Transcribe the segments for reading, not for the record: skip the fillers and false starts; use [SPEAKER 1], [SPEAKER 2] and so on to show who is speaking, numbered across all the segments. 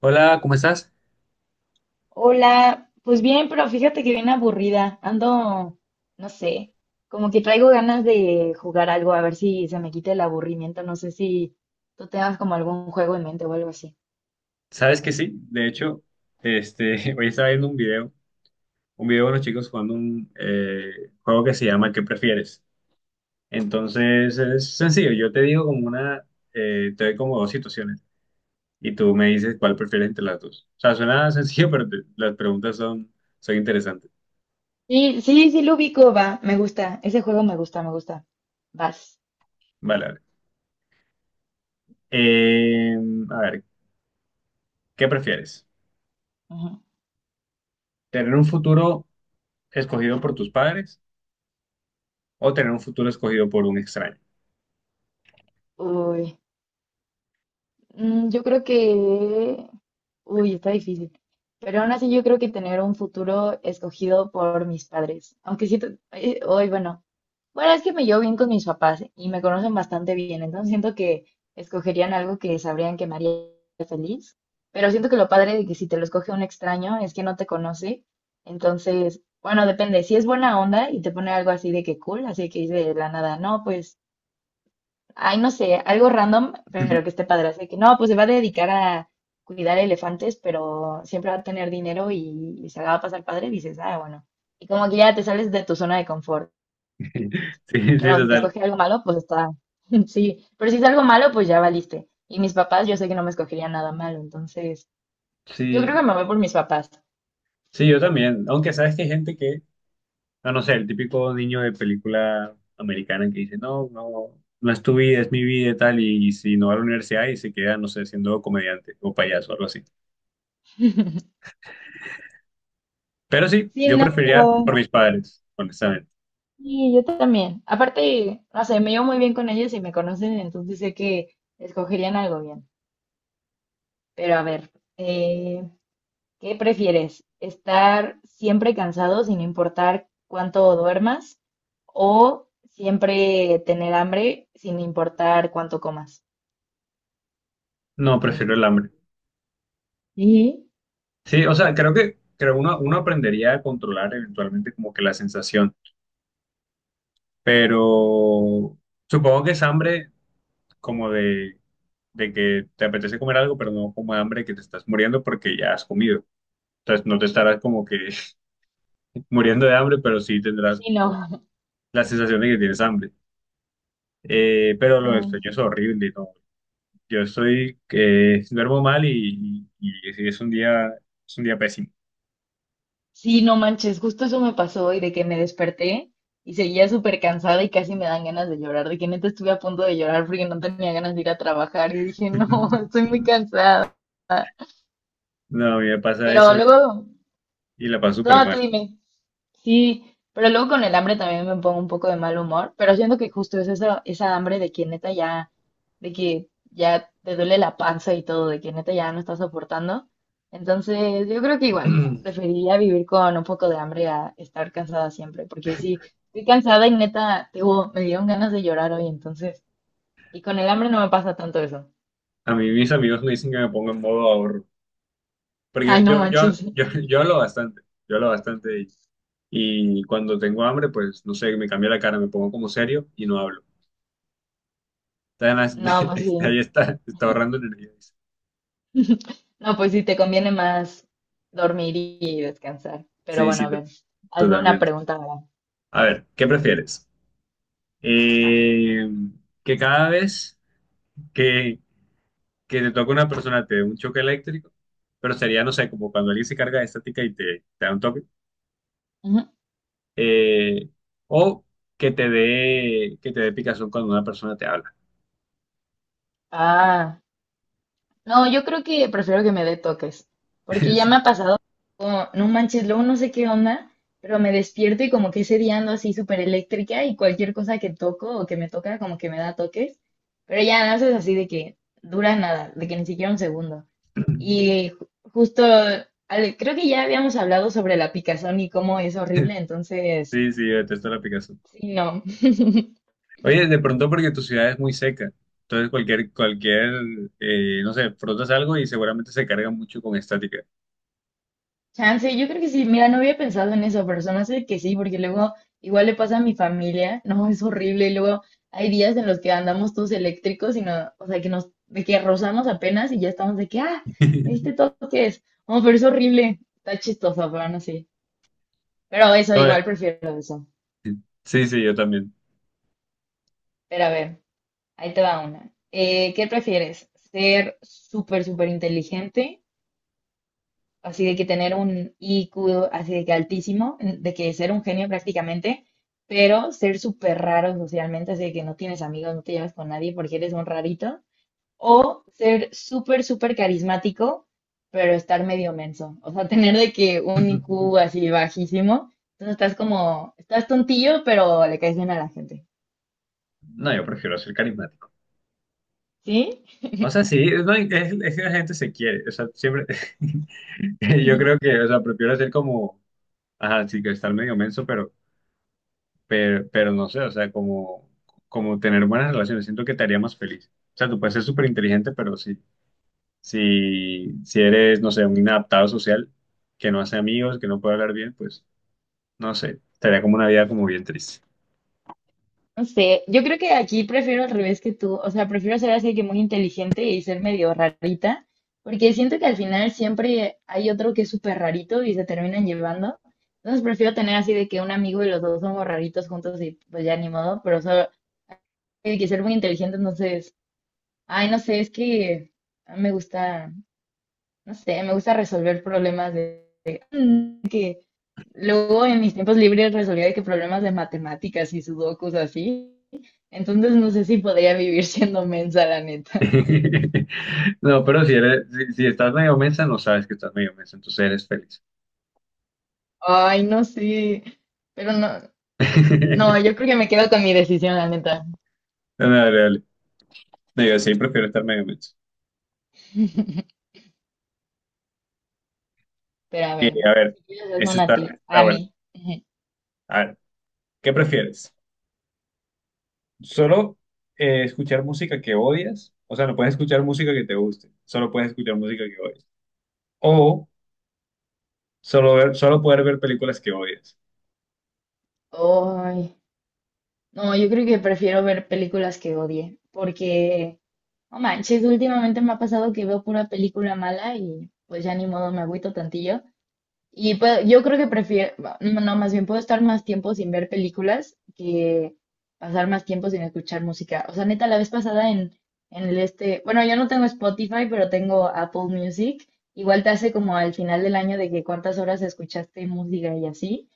[SPEAKER 1] Hola, ¿cómo estás?
[SPEAKER 2] Hola, pues bien, pero fíjate que bien aburrida. Ando, no sé, como que traigo ganas de jugar algo, a ver si se me quita el aburrimiento. No sé si tú tengas como algún juego en mente o algo así.
[SPEAKER 1] ¿Sabes que sí? De hecho, hoy estaba viendo un video de unos chicos jugando un juego que se llama ¿Qué prefieres? Entonces es sencillo, yo te digo como te doy como dos situaciones y tú me dices cuál prefieres entre las dos. O sea, suena sencillo, pero las preguntas son, son interesantes.
[SPEAKER 2] Sí, sí, sí lo ubico, va, me gusta. Ese juego me gusta, me gusta. Vas.
[SPEAKER 1] Vale, vale. Eh, a ver, ¿qué prefieres?
[SPEAKER 2] Ujú.
[SPEAKER 1] ¿Tener un futuro escogido por tus padres o tener un futuro escogido por un extraño?
[SPEAKER 2] Uy, yo creo que... Uy, está difícil. Pero aún así yo creo que tener un futuro escogido por mis padres. Aunque sí, hoy, bueno. Bueno, es que me llevo bien con mis papás y me conocen bastante bien, entonces siento que escogerían algo que sabrían que me haría feliz, pero siento que lo padre de que si te lo escoge un extraño es que no te conoce, entonces, bueno, depende, si es buena onda y te pone algo así de que cool, así que dice de la nada, no, pues, ay, no sé, algo random, pero que esté padre, así que no, pues se va a dedicar a cuidar elefantes, pero siempre va a tener dinero y se la va a pasar padre, dices, ah, bueno, y como que ya te sales de tu zona de confort.
[SPEAKER 1] Sí, sí,
[SPEAKER 2] Pero si te
[SPEAKER 1] total.
[SPEAKER 2] escoge algo malo, pues está, sí, pero si es algo malo, pues ya valiste. Y mis papás, yo sé que no me escogerían nada malo, entonces yo creo que
[SPEAKER 1] Sí,
[SPEAKER 2] me voy por mis papás.
[SPEAKER 1] sí, yo también. Aunque sabes que hay gente que, no, no sé, el típico niño de película americana que dice, no, no, no es tu vida, es mi vida y tal, y si no va a la universidad y se queda, no sé, siendo comediante o payaso o algo así. Pero sí,
[SPEAKER 2] Sí,
[SPEAKER 1] yo
[SPEAKER 2] no,
[SPEAKER 1] preferiría por
[SPEAKER 2] pero
[SPEAKER 1] mis padres, honestamente.
[SPEAKER 2] sí, yo también. Aparte, no sé, me llevo muy bien con ellos y me conocen, entonces sé que escogerían algo bien. Pero a ver, eh, ¿qué prefieres? ¿Estar siempre cansado sin importar cuánto duermas o siempre tener hambre sin importar cuánto comas?
[SPEAKER 1] No, prefiero
[SPEAKER 2] Mm,
[SPEAKER 1] el hambre.
[SPEAKER 2] sí,
[SPEAKER 1] Sí, o sea, creo que creo uno aprendería a controlar eventualmente como que la sensación, pero supongo que es hambre como de que te apetece comer algo, pero no como hambre que te estás muriendo porque ya has comido. Entonces no te estarás como que muriendo de hambre, pero sí tendrás
[SPEAKER 2] sí, no.
[SPEAKER 1] como la sensación de que tienes hambre. Pero lo del
[SPEAKER 2] Ah,
[SPEAKER 1] sueño es horrible, ¿no? Yo estoy, que duermo mal y es un día pésimo.
[SPEAKER 2] sí, no manches, justo eso me pasó hoy de que me desperté y seguía súper cansada y casi me dan ganas de llorar, de que neta estuve a punto de llorar porque no tenía ganas de ir a trabajar y dije, no, estoy muy cansada.
[SPEAKER 1] No, a mí me pasa
[SPEAKER 2] Pero
[SPEAKER 1] eso
[SPEAKER 2] luego,
[SPEAKER 1] y la paso súper
[SPEAKER 2] no, tú
[SPEAKER 1] mal.
[SPEAKER 2] dime. Sí, pero luego con el hambre también me pongo un poco de mal humor, pero siento que justo es esa, esa hambre de que neta ya, de que ya te duele la panza y todo, de que neta ya no estás soportando. Entonces, yo creo que igual, preferiría vivir con un poco de hambre a estar cansada siempre, porque sí, estoy cansada y neta, te digo, me dieron ganas de llorar hoy, entonces, y con el hambre no me pasa tanto eso.
[SPEAKER 1] A mí mis amigos me dicen que me pongo en modo ahorro,
[SPEAKER 2] Ay,
[SPEAKER 1] porque
[SPEAKER 2] no manches.
[SPEAKER 1] yo hablo bastante, yo hablo bastante y, y cuando tengo hambre, pues no sé, me cambia la cara, me pongo como serio y no hablo.
[SPEAKER 2] No, pues
[SPEAKER 1] Entonces,
[SPEAKER 2] sí.
[SPEAKER 1] ahí está, está ahorrando energía.
[SPEAKER 2] No, pues sí, te conviene más dormir y descansar. Pero
[SPEAKER 1] Sí,
[SPEAKER 2] bueno,
[SPEAKER 1] sí,
[SPEAKER 2] a ver, hazme una
[SPEAKER 1] totalmente.
[SPEAKER 2] pregunta ahora.
[SPEAKER 1] A ver, ¿qué prefieres? Eh, que cada vez que, que te toca una persona te dé un choque eléctrico, pero sería, no sé, como cuando alguien se carga de estática y te da un toque,
[SPEAKER 2] Ujú.
[SPEAKER 1] eh, o que te dé picazón cuando una persona te habla.
[SPEAKER 2] Ah, no, yo creo que prefiero que me dé toques, porque ya me ha pasado, como, no manches, luego no sé qué onda, pero me despierto y como que ese día ando así súper eléctrica y cualquier cosa que toco o que me toca como que me da toques, pero ya no haces así de que dura nada, de que ni siquiera un segundo. Y justo, Ale, creo que ya habíamos hablado sobre la picazón y cómo es horrible, entonces,
[SPEAKER 1] Sí, sí, yo detesto la picazón.
[SPEAKER 2] sí, no.
[SPEAKER 1] Oye, de pronto porque tu ciudad es muy seca, entonces no sé, frotas algo y seguramente se carga mucho con estática.
[SPEAKER 2] Chance, yo creo que sí, mira, no había pensado en eso, pero se me hace que sí, porque luego igual le pasa a mi familia, no, es horrible, y luego hay días en los que andamos todos eléctricos y no, o sea, que nos, de que rozamos apenas y ya estamos de que, ah, me diste toques, no, pero es horrible, está chistoso, pero no sé, pero eso, igual prefiero eso,
[SPEAKER 1] Sí, sí, yo también.
[SPEAKER 2] pero a ver. Ahí te va una. ¿Qué prefieres? ¿Ser súper, súper inteligente? Así de que tener un IQ así de que altísimo, de que ser un genio prácticamente, pero ser súper raro socialmente, así de que no tienes amigos, no te llevas con nadie porque eres un rarito. O ser súper, súper carismático, pero estar medio menso. O sea, tener de que un IQ así bajísimo. Entonces estás como, estás tontillo, pero le caes bien a la gente.
[SPEAKER 1] No, yo prefiero ser carismático.
[SPEAKER 2] ¿Sí?
[SPEAKER 1] O sea, sí, no, es que la gente se quiere. O sea, siempre. Yo creo que, o sea, prefiero ser como. Ajá, sí, que estar medio menso, pero no sé, o sea, como tener buenas relaciones. Siento que te haría más feliz. O sea, tú puedes ser súper inteligente, pero sí. Si eres, no sé, un inadaptado social, que no hace amigos, que no puede hablar bien, pues, no sé. Estaría como una vida como bien triste.
[SPEAKER 2] No sé, yo creo que aquí prefiero al revés que tú, o sea, prefiero ser así que muy inteligente y ser medio rarita, porque siento que al final siempre hay otro que es súper rarito y se terminan llevando. Entonces prefiero tener así de que un amigo y los dos somos raritos juntos y pues ya ni modo, pero solo hay que ser muy inteligente, entonces, ay, no sé, es que me gusta, no sé, me gusta resolver problemas. Luego en mis tiempos libres resolvía de que problemas de matemáticas y sudokus así. Entonces no sé si podría vivir siendo mensa, la neta.
[SPEAKER 1] No, pero si eres, si estás medio mensa, no sabes que estás medio mensa, entonces eres feliz.
[SPEAKER 2] Ay, no sé. Pero no, no, yo creo que me quedo con mi decisión, la neta.
[SPEAKER 1] No, no, dale, dale. No, yo sí prefiero estar medio mensa.
[SPEAKER 2] Pero a
[SPEAKER 1] Y,
[SPEAKER 2] ver,
[SPEAKER 1] a ver,
[SPEAKER 2] si quieres hazme
[SPEAKER 1] ese
[SPEAKER 2] una a
[SPEAKER 1] está,
[SPEAKER 2] ti,
[SPEAKER 1] está
[SPEAKER 2] a
[SPEAKER 1] bueno.
[SPEAKER 2] mí.
[SPEAKER 1] A ver, ¿qué prefieres? ¿Solo escuchar música que odias? O sea, no puedes escuchar música que te guste, solo puedes escuchar música que odias. O solo poder ver películas que odias.
[SPEAKER 2] Ay, no, yo creo que prefiero ver películas que odie, porque, no manches, últimamente me ha pasado que veo pura película mala y pues ya ni modo me agüito tantillo. Yo creo que prefiero, no, no, más bien puedo estar más tiempo sin ver películas que pasar más tiempo sin escuchar música. O sea, neta, la vez pasada en, el este, bueno, yo no tengo Spotify, pero tengo Apple Music. Igual te hace como al final del año de que cuántas horas escuchaste música y así.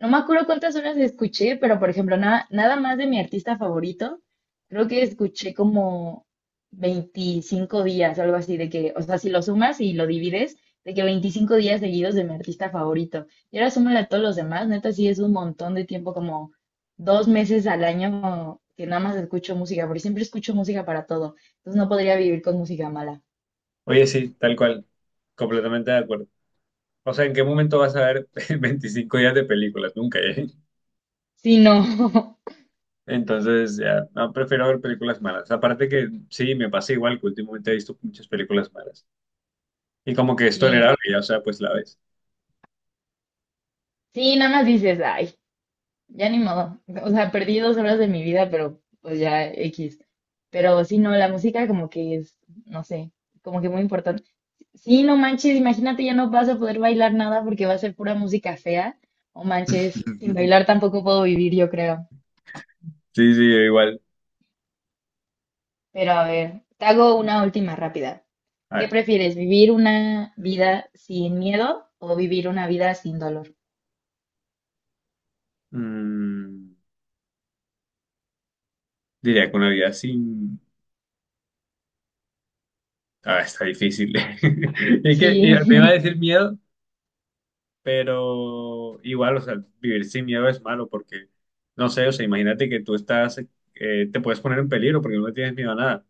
[SPEAKER 2] No me acuerdo cuántas horas escuché, pero por ejemplo, nada, nada más de mi artista favorito, creo que escuché como 25 días, algo así, de que, o sea, si lo sumas y lo divides, de que 25 días seguidos de mi artista favorito. Y ahora súmale a todos los demás, neta, sí es un montón de tiempo, como 2 meses al año que nada más escucho música, porque siempre escucho música para todo. Entonces no podría vivir con música mala.
[SPEAKER 1] Oye, sí, tal cual, completamente de acuerdo. O sea, ¿en qué momento vas a ver 25 días de películas? Nunca, ¿eh?
[SPEAKER 2] Sí, no.
[SPEAKER 1] Entonces, ya, no, prefiero ver películas malas. Aparte que sí, me pasa igual que últimamente he visto muchas películas malas. Y como que es
[SPEAKER 2] Sí,
[SPEAKER 1] tolerable, ya, o sea, pues la ves.
[SPEAKER 2] sí, nada más dices, ay, ya ni modo. O sea, perdí 2 horas de mi vida, pero pues ya X. Pero sí, no, la música como que es, no sé, como que muy importante. Sí, no manches, imagínate, ya no vas a poder bailar nada porque va a ser pura música fea. O manches, sin bailar tampoco puedo vivir, yo creo.
[SPEAKER 1] Sí, sí, yo igual.
[SPEAKER 2] Pero a ver, te hago una última rápida.
[SPEAKER 1] A
[SPEAKER 2] ¿Qué
[SPEAKER 1] ver,
[SPEAKER 2] prefieres, vivir una vida sin miedo o vivir una vida sin dolor?
[SPEAKER 1] mm, diría que una vida sin... Ah, está difícil. Es que
[SPEAKER 2] Sí,
[SPEAKER 1] me iba a decir miedo, pero igual, o sea, vivir sin miedo es malo porque, no sé, o sea, imagínate que tú estás, te puedes poner en peligro porque no le tienes miedo a nada.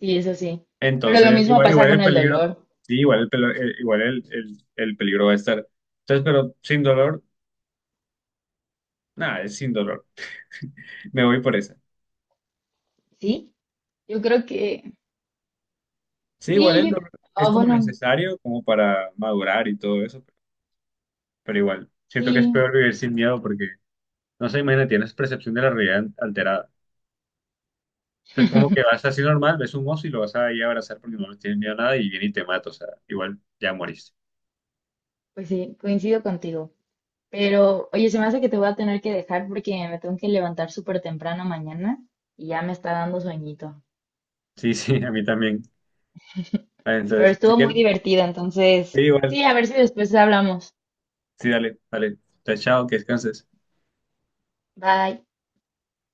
[SPEAKER 2] sí, eso sí. Pero lo
[SPEAKER 1] Entonces,
[SPEAKER 2] mismo
[SPEAKER 1] igual,
[SPEAKER 2] pasa
[SPEAKER 1] igual
[SPEAKER 2] con
[SPEAKER 1] el
[SPEAKER 2] el
[SPEAKER 1] peligro,
[SPEAKER 2] dolor,
[SPEAKER 1] sí, igual el, pelo- el- igual el peligro va a estar. Entonces, pero sin dolor, nada, es sin dolor. Me voy por esa.
[SPEAKER 2] ¿sí? Yo creo que...
[SPEAKER 1] Sí,
[SPEAKER 2] Sí,
[SPEAKER 1] igual el dolor es
[SPEAKER 2] ah,
[SPEAKER 1] como
[SPEAKER 2] bueno,
[SPEAKER 1] necesario como para madurar y todo eso, pero igual, siento que es
[SPEAKER 2] sí,
[SPEAKER 1] peor vivir sin miedo porque, no sé, imagínate, tienes percepción de la realidad alterada. O sea, es como que vas así normal, ves un oso y lo vas a ir a abrazar porque no le tienes miedo a nada y viene y te mata, o sea, igual ya moriste.
[SPEAKER 2] pues sí, coincido contigo. Pero, oye, se me hace que te voy a tener que dejar porque me tengo que levantar súper temprano mañana y ya me está dando sueñito.
[SPEAKER 1] Sí, sí, a mí también. Ah,
[SPEAKER 2] Pero
[SPEAKER 1] entonces, si
[SPEAKER 2] estuvo muy
[SPEAKER 1] quieres,
[SPEAKER 2] divertido,
[SPEAKER 1] sí,
[SPEAKER 2] entonces,
[SPEAKER 1] igual,
[SPEAKER 2] sí, a ver si después hablamos.
[SPEAKER 1] sí, dale, dale. Entonces, chao, que descanses.
[SPEAKER 2] Bye.